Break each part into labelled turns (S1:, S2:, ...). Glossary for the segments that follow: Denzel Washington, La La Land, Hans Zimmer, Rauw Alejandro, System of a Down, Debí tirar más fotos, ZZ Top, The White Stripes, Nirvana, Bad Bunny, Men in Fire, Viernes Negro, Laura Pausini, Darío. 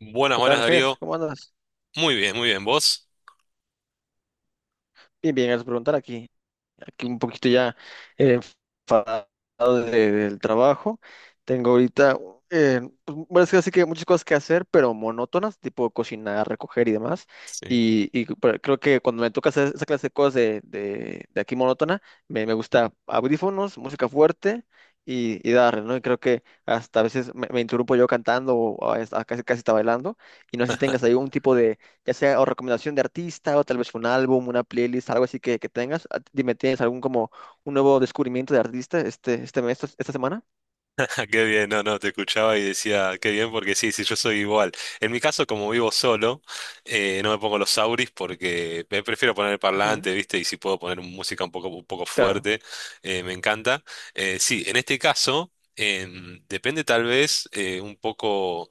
S1: Buenas,
S2: ¿Qué
S1: buenas
S2: tal, Ger?
S1: Darío.
S2: ¿Cómo andas?
S1: Muy bien, muy bien. ¿Vos?
S2: Bien, bien, gracias por preguntar aquí. Aquí un poquito ya eh, enfadado del trabajo. Tengo ahorita, es que muchas cosas que hacer, pero monótonas, tipo cocinar, recoger y demás.
S1: Sí.
S2: Pero creo que cuando me toca hacer esa clase de cosas de aquí monótona, me gusta audífonos, música fuerte y darle, ¿no? Y creo que hasta a veces me interrumpo yo cantando o casi, casi está bailando. Y no sé si tengas ahí un tipo ya sea o recomendación de artista o tal vez un álbum, una playlist, algo así que tengas. Dime, ¿tienes algún como un nuevo descubrimiento de artista este mes, esta semana?
S1: Qué bien, no, no, te escuchaba y decía, qué bien, porque sí, sí, yo soy igual. En mi caso, como vivo solo, no me pongo los auris porque me prefiero poner el
S2: Ujú.
S1: parlante, ¿viste? Y si puedo poner música un poco
S2: Claro.
S1: fuerte, me encanta. Sí, en este caso, depende tal vez un poco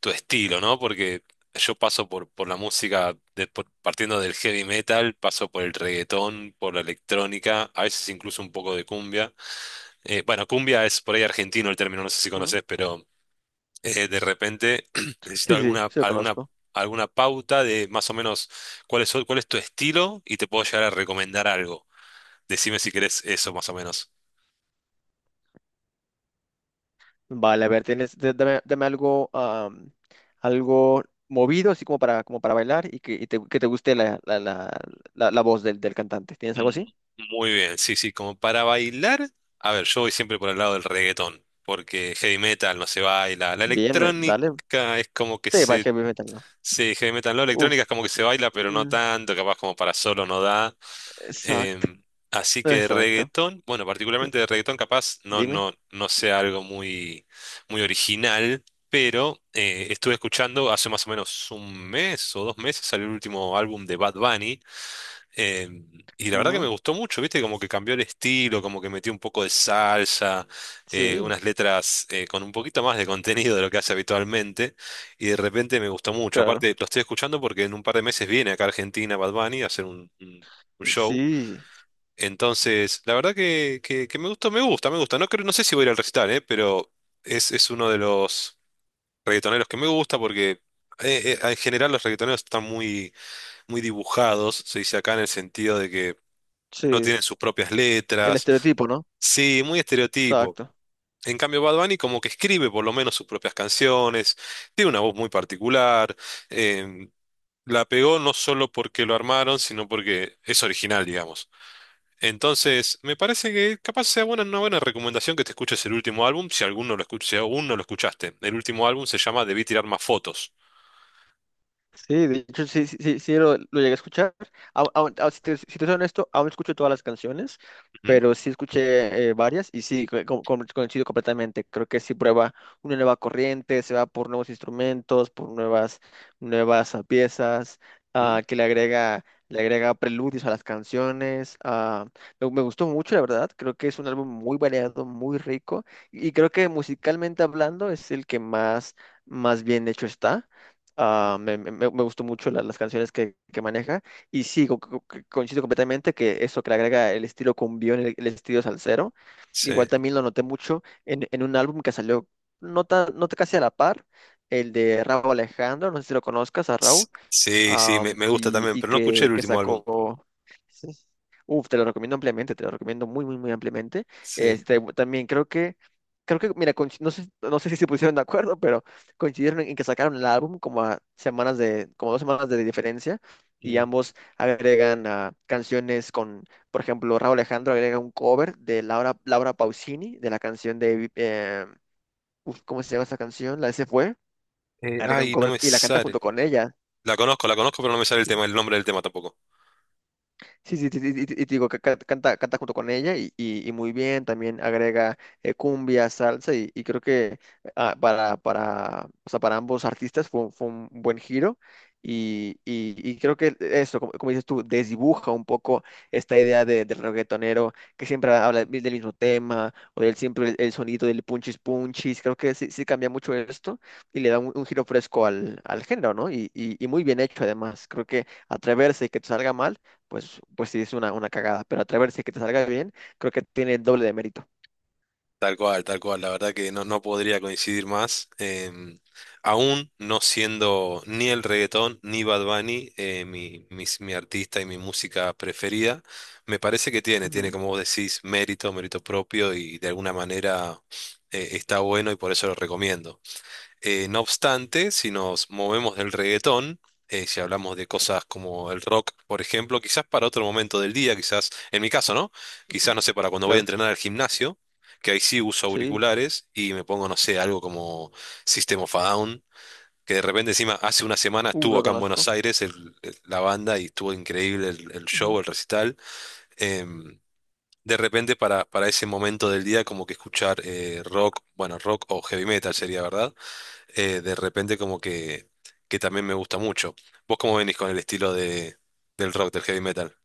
S1: tu estilo, ¿no? Porque yo paso por la música, partiendo del heavy metal, paso por el reggaetón, por la electrónica, a veces incluso un poco de cumbia. Bueno, cumbia es por ahí argentino el término, no sé si
S2: Ujú.
S1: conoces, pero de repente necesito
S2: Sí, sí, sí lo conozco.
S1: alguna pauta de más o menos cuál es tu estilo y te puedo llegar a recomendar algo. Decime si querés eso más o menos.
S2: Vale, a ver, tienes, dame, dame algo, algo movido, así como para, como para bailar y que, y te, que te guste la voz del cantante. ¿Tienes algo así?
S1: Mm. Muy bien, sí, sí, como para bailar, a ver, yo voy siempre por el lado del reggaetón, porque heavy metal no se baila, la
S2: Bien, dale.
S1: electrónica es como que
S2: Sí, va
S1: se…
S2: heavy metal, ¿no?
S1: Sí, heavy metal no,
S2: Uf,
S1: electrónica es como que se baila, pero no
S2: mm,
S1: tanto, capaz como para solo no da.
S2: exacto,
S1: Em, Así que
S2: exacto.
S1: reggaetón, bueno,
S2: Sí,
S1: particularmente de reggaetón capaz
S2: dime.
S1: no sea algo muy, muy original, pero estuve escuchando hace más o menos un mes o dos meses salió el último álbum de Bad Bunny, em, y la verdad que me
S2: Ujú.
S1: gustó mucho, viste, como que cambió el estilo, como que metió un poco de salsa,
S2: Sí,
S1: unas letras con un poquito más de contenido de lo que hace habitualmente y de repente me gustó mucho.
S2: claro.
S1: Aparte, lo estoy escuchando porque en un par de meses viene acá a Argentina Bad Bunny a hacer un show.
S2: Sí,
S1: Entonces, la verdad que me gusta, me gusta, me gusta. No creo, no sé si voy a ir al recital, pero es uno de los reggaetoneros que me gusta porque en general los reggaetoneros están muy, muy dibujados, se dice acá en el sentido de que no
S2: sí,
S1: tienen sus propias
S2: el
S1: letras.
S2: estereotipo, ¿no?
S1: Sí, muy estereotipo.
S2: Exacto.
S1: En cambio, Bad Bunny como que escribe por lo menos sus propias canciones, tiene una voz muy particular, em, la pegó no solo porque lo armaron, sino porque es original, digamos. Entonces, me parece que capaz sea buena, una buena recomendación que te escuches el último álbum, si si aún no lo escuchaste. El último álbum se llama Debí tirar más fotos.
S2: Sí, de hecho, sí, sí, sí, sí lo llegué a escuchar. Si te, si te soy honesto, aún no escucho todas las canciones,
S1: Ujú,
S2: pero sí escuché varias y sí, coincido completamente. Creo que sí prueba una nueva corriente, se va por nuevos instrumentos, por nuevas, nuevas piezas,
S1: ujú,
S2: ah, que le agrega, le agrega preludios a las canciones. Me gustó mucho, la verdad. Creo que es un álbum muy variado, muy rico y creo que musicalmente hablando es el que más, más bien hecho está.
S1: ujú.
S2: Me gustó mucho las canciones que maneja. Y sí, coincido completamente que eso que le agrega el estilo cumbión, el estilo salsero. Igual
S1: Sí,
S2: también lo noté mucho en un álbum que salió no casi a la par, el de Rauw Alejandro. No sé si lo conozcas a Rauw,
S1: Sí, sí, me, me gusta también,
S2: y
S1: pero no escuché el
S2: que
S1: último álbum.
S2: sacó... Uf, te lo recomiendo ampliamente, te lo recomiendo muy, muy, muy ampliamente.
S1: Sí.
S2: Este, también creo que, mira, no sé, no sé si se pusieron de acuerdo, pero coincidieron en que sacaron el álbum como a semanas de, como dos semanas de diferencia, y
S1: Mm.
S2: ambos agregan canciones con, por ejemplo, Raúl Alejandro agrega un cover de Laura, Laura Pausini, de la canción de, ¿cómo se llama esa canción? La de Se Fue, agrega un
S1: Ay, no
S2: cover
S1: me
S2: y la canta junto
S1: sale.
S2: con ella.
S1: La conozco, pero no me sale el tema, el nombre del tema tampoco.
S2: Sí, sí, sí, sí, y te digo que canta, canta junto con ella y, y muy bien, también agrega cumbia, salsa y creo que para ambos artistas fue un fue un buen giro y, y creo que eso, como, como dices tú, desdibuja un poco esta idea de, del reggaetonero que siempre habla del mismo tema o del siempre el sonido del punchis punchis, creo que sí, sí cambia mucho esto y le da un giro fresco al, al género, ¿no? Y muy bien hecho además, creo que atreverse y que te salga mal pues, pues sí es una cagada. Pero atreverse a que te salga bien, creo que tiene el doble de mérito.
S1: Tal cual, tal cual. La verdad que no, no podría coincidir más. Aún no siendo ni el reggaetón ni Bad Bunny, mi artista y mi música preferida, me parece que tiene, tiene
S2: Ujú,
S1: como vos decís, mérito, mérito propio y de alguna manera está bueno y por eso lo recomiendo. No obstante, si nos movemos del reggaetón, si hablamos de cosas como el rock, por ejemplo, quizás para otro momento del día, quizás, en mi caso, ¿no? Quizás,
S2: ujú,
S1: no sé, para cuando voy a
S2: claro,
S1: entrenar al gimnasio, que ahí sí uso
S2: sí.
S1: auriculares y me pongo, no sé, algo como System of a Down, que de repente encima hace una semana estuvo
S2: Lo
S1: acá en
S2: conozco.
S1: Buenos Aires la banda y estuvo increíble el
S2: Ujú.
S1: show, el recital. Em, de repente para ese momento del día como que escuchar rock, bueno, rock o heavy metal sería, ¿verdad? De repente como que también me gusta mucho. ¿Vos cómo venís con el estilo de, del rock, del heavy metal?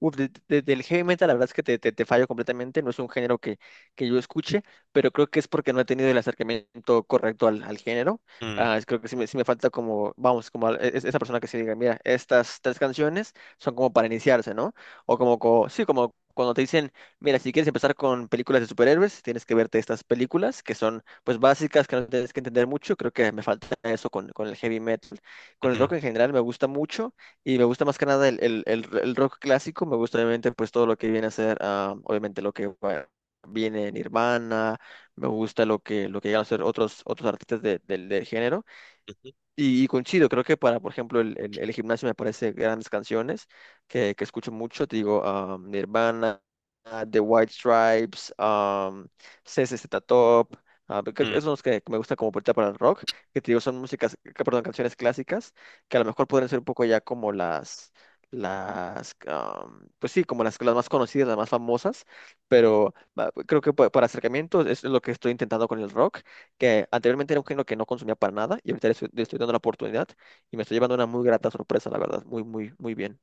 S2: Uf, del heavy metal, la verdad es que te, te fallo completamente, no es un género que yo escuche, pero creo que es porque no he tenido el acercamiento correcto al, al género.
S1: Mm,
S2: Creo que sí me falta como, vamos, como esa persona que se diga, mira, estas tres canciones son como para iniciarse, ¿no? O como, sí, como cuando te dicen, mira, si quieres empezar con películas de superhéroes, tienes que verte estas películas que son, pues, básicas, que no tienes que entender mucho. Creo que me falta eso con el heavy metal. Con el
S1: ujú,
S2: rock en general me gusta mucho. Y me gusta más que nada el rock clásico, me gusta obviamente pues todo lo que viene a ser, obviamente lo que viene en Nirvana, me gusta lo que llegan a ser otros, otros artistas del del género.
S1: ujú,
S2: Y coincido, creo que para, por ejemplo, el gimnasio me parece grandes canciones que escucho mucho, te digo, Nirvana, The White Stripes, ZZ Top, creo que
S1: mm.
S2: esos son los que me gusta como puerta para el rock, que te digo, son músicas, perdón, canciones clásicas, que a lo mejor podrían ser un poco ya como las, pues sí, como las más conocidas, las más famosas, pero creo que para acercamientos es lo que estoy intentando con el rock que anteriormente era un género que no consumía para nada y ahorita le estoy dando la oportunidad y me estoy llevando una muy grata sorpresa, la verdad, muy, muy, muy bien.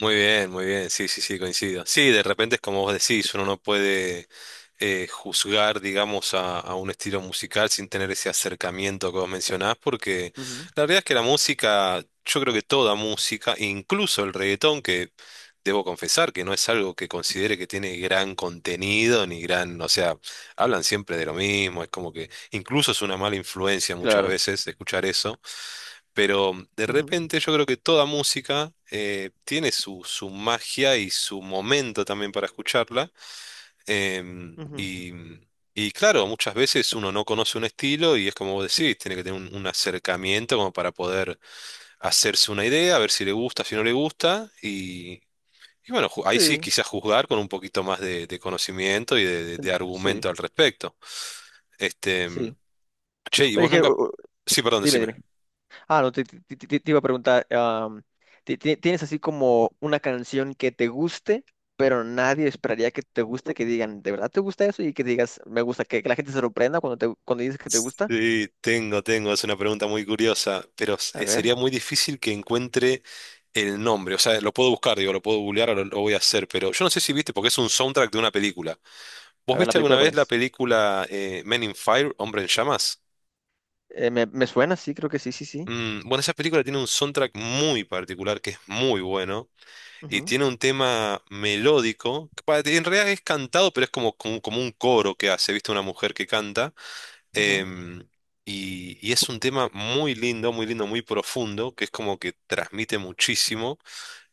S1: Muy bien, sí, sí, sí, coincido. Sí, de repente es como vos decís, uno no puede… juzgar, digamos, a un estilo musical sin tener ese acercamiento que vos mencionás, porque
S2: Ujú,
S1: la verdad es que la música, yo creo que toda música, incluso el reggaetón, que debo confesar que no es algo que considere que tiene gran contenido, ni gran, o sea, hablan siempre de lo mismo, es como que incluso es una mala influencia muchas
S2: claro.
S1: veces escuchar eso. Pero de
S2: Ujú,
S1: repente yo creo que toda música tiene su, su magia y su momento también para escucharla.
S2: ujú.
S1: Y, y claro, muchas veces uno no conoce un estilo y es como vos decís, tiene que tener un acercamiento como para poder hacerse una idea, a ver si le gusta, si no le gusta. Y bueno, ahí sí
S2: Sí,
S1: quizás juzgar con un poquito más de conocimiento y de, de argumento
S2: sí,
S1: al respecto. Este,
S2: sí.
S1: che, ¿y
S2: Oye,
S1: vos
S2: Ger,
S1: nunca… Sí, perdón,
S2: dime,
S1: decime.
S2: dime. Ah, no, te, te iba a preguntar, ¿tienes así como una canción que te guste, pero nadie esperaría que te guste, que digan, ¿de verdad te gusta eso? Y que digas, me gusta, que la gente se sorprenda cuando, te, cuando dices que te gusta.
S1: Sí, tengo, tengo, es una pregunta muy curiosa, pero
S2: A
S1: sería
S2: ver,
S1: muy difícil que encuentre el nombre, o sea, lo puedo buscar, digo, lo puedo googlear lo voy a hacer, pero yo no sé si viste, porque es un soundtrack de una película. ¿Vos
S2: a ver la
S1: viste
S2: película,
S1: alguna
S2: ¿cuál
S1: vez la
S2: es?
S1: película Men in Fire, Hombre en Llamas?
S2: Me, me suena, sí, creo que sí, sí, sí.
S1: Mm, bueno, esa película tiene un soundtrack muy particular que es muy bueno y
S2: Ujú,
S1: tiene un tema melódico, que en realidad es cantado, pero es como, como un coro que hace, viste, una mujer que canta.
S2: ujú.
S1: Em, y, y es un tema muy lindo, muy lindo, muy profundo, que es como que transmite muchísimo.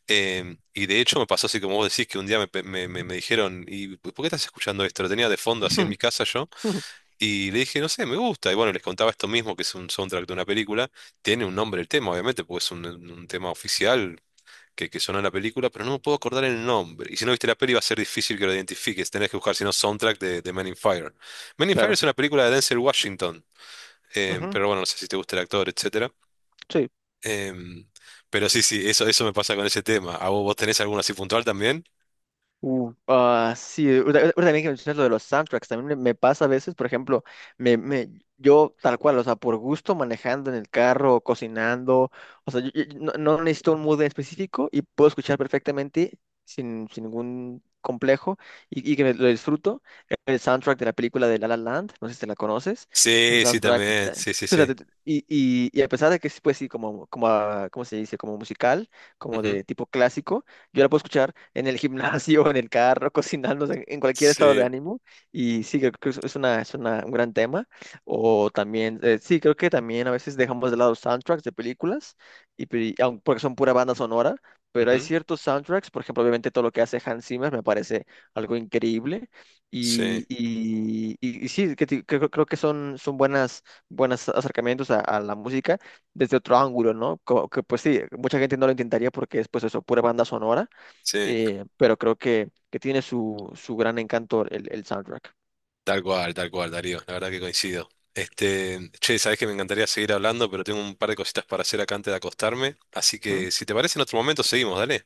S1: Y de hecho me pasó así como vos decís, que un día me, pe- me- me- me dijeron, ¿y por qué estás escuchando esto? Lo tenía de fondo así en mi
S2: Ujú,
S1: casa yo.
S2: ujú,
S1: Y le dije, no sé, me gusta. Y bueno, les contaba esto mismo, que es un soundtrack de una película. Tiene un nombre el tema, obviamente, porque es un tema oficial que sonó en la película, pero no me puedo acordar el nombre. Y si no viste la peli va a ser difícil que lo identifiques. Tenés que buscar, si no, soundtrack de Men in Fire. Men in Fire
S2: claro.
S1: es una película de Denzel Washington.
S2: Ujú.
S1: Pero bueno, no sé si te gusta el actor, etcétera.
S2: Sí.
S1: Em, pero sí, sí, eso me pasa con ese tema. ¿A vos, vos tenés alguno así puntual también?
S2: Sí, ahorita ahorita también que mencionas lo de los soundtracks, también me pasa a veces, por ejemplo, me, me, yo tal cual, o sea, por gusto manejando en el carro, cocinando, o sea, yo no, no necesito un mood en específico y puedo escuchar perfectamente sin, sin ningún complejo y que lo disfruto. El soundtrack de la película de La La Land, no sé si te la conoces, ese
S1: Sí, sí,
S2: soundtrack,
S1: también. Sí, sí,
S2: o sea,
S1: sí.
S2: y a pesar de que es, pues sí, como, como, ¿cómo se dice? Como musical, como
S1: Ujú.
S2: de tipo clásico. Yo la puedo escuchar en el gimnasio, en el carro, cocinando, o sea, en cualquier estado de
S1: Sí,
S2: ánimo. Y sí, creo que es una, un gran tema. O también, sí, creo que también a veces dejamos de lado soundtracks de películas, y, porque son pura banda sonora. Pero hay
S1: ujú.
S2: ciertos soundtracks, por ejemplo, obviamente todo lo que hace Hans Zimmer me parece algo increíble.
S1: Sí,
S2: Y, y sí, creo, creo que son, son buenas, buenos acercamientos a la música desde otro ángulo, ¿no? Que pues sí, mucha gente no lo intentaría porque es pues eso, pura banda sonora,
S1: sí.
S2: pero creo que tiene su, su gran encanto el soundtrack.
S1: Tal cual, Darío. La verdad que coincido. Este, che, sabés que me encantaría seguir hablando, pero tengo un par de cositas para hacer acá antes de acostarme. Así
S2: ¿Mm?
S1: que si te parece, en otro momento seguimos, dale.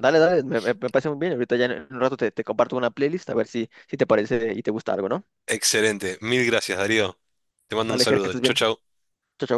S2: Dale, dale, me, me parece muy bien. Ahorita ya en un rato te, te comparto una playlist a ver si, si te parece y te gusta algo, ¿no?
S1: Excelente. Mil gracias, Darío. Te mando un
S2: Dale, Ger, que
S1: saludo.
S2: estés
S1: Chau,
S2: bien.
S1: chau.
S2: Chao, chao.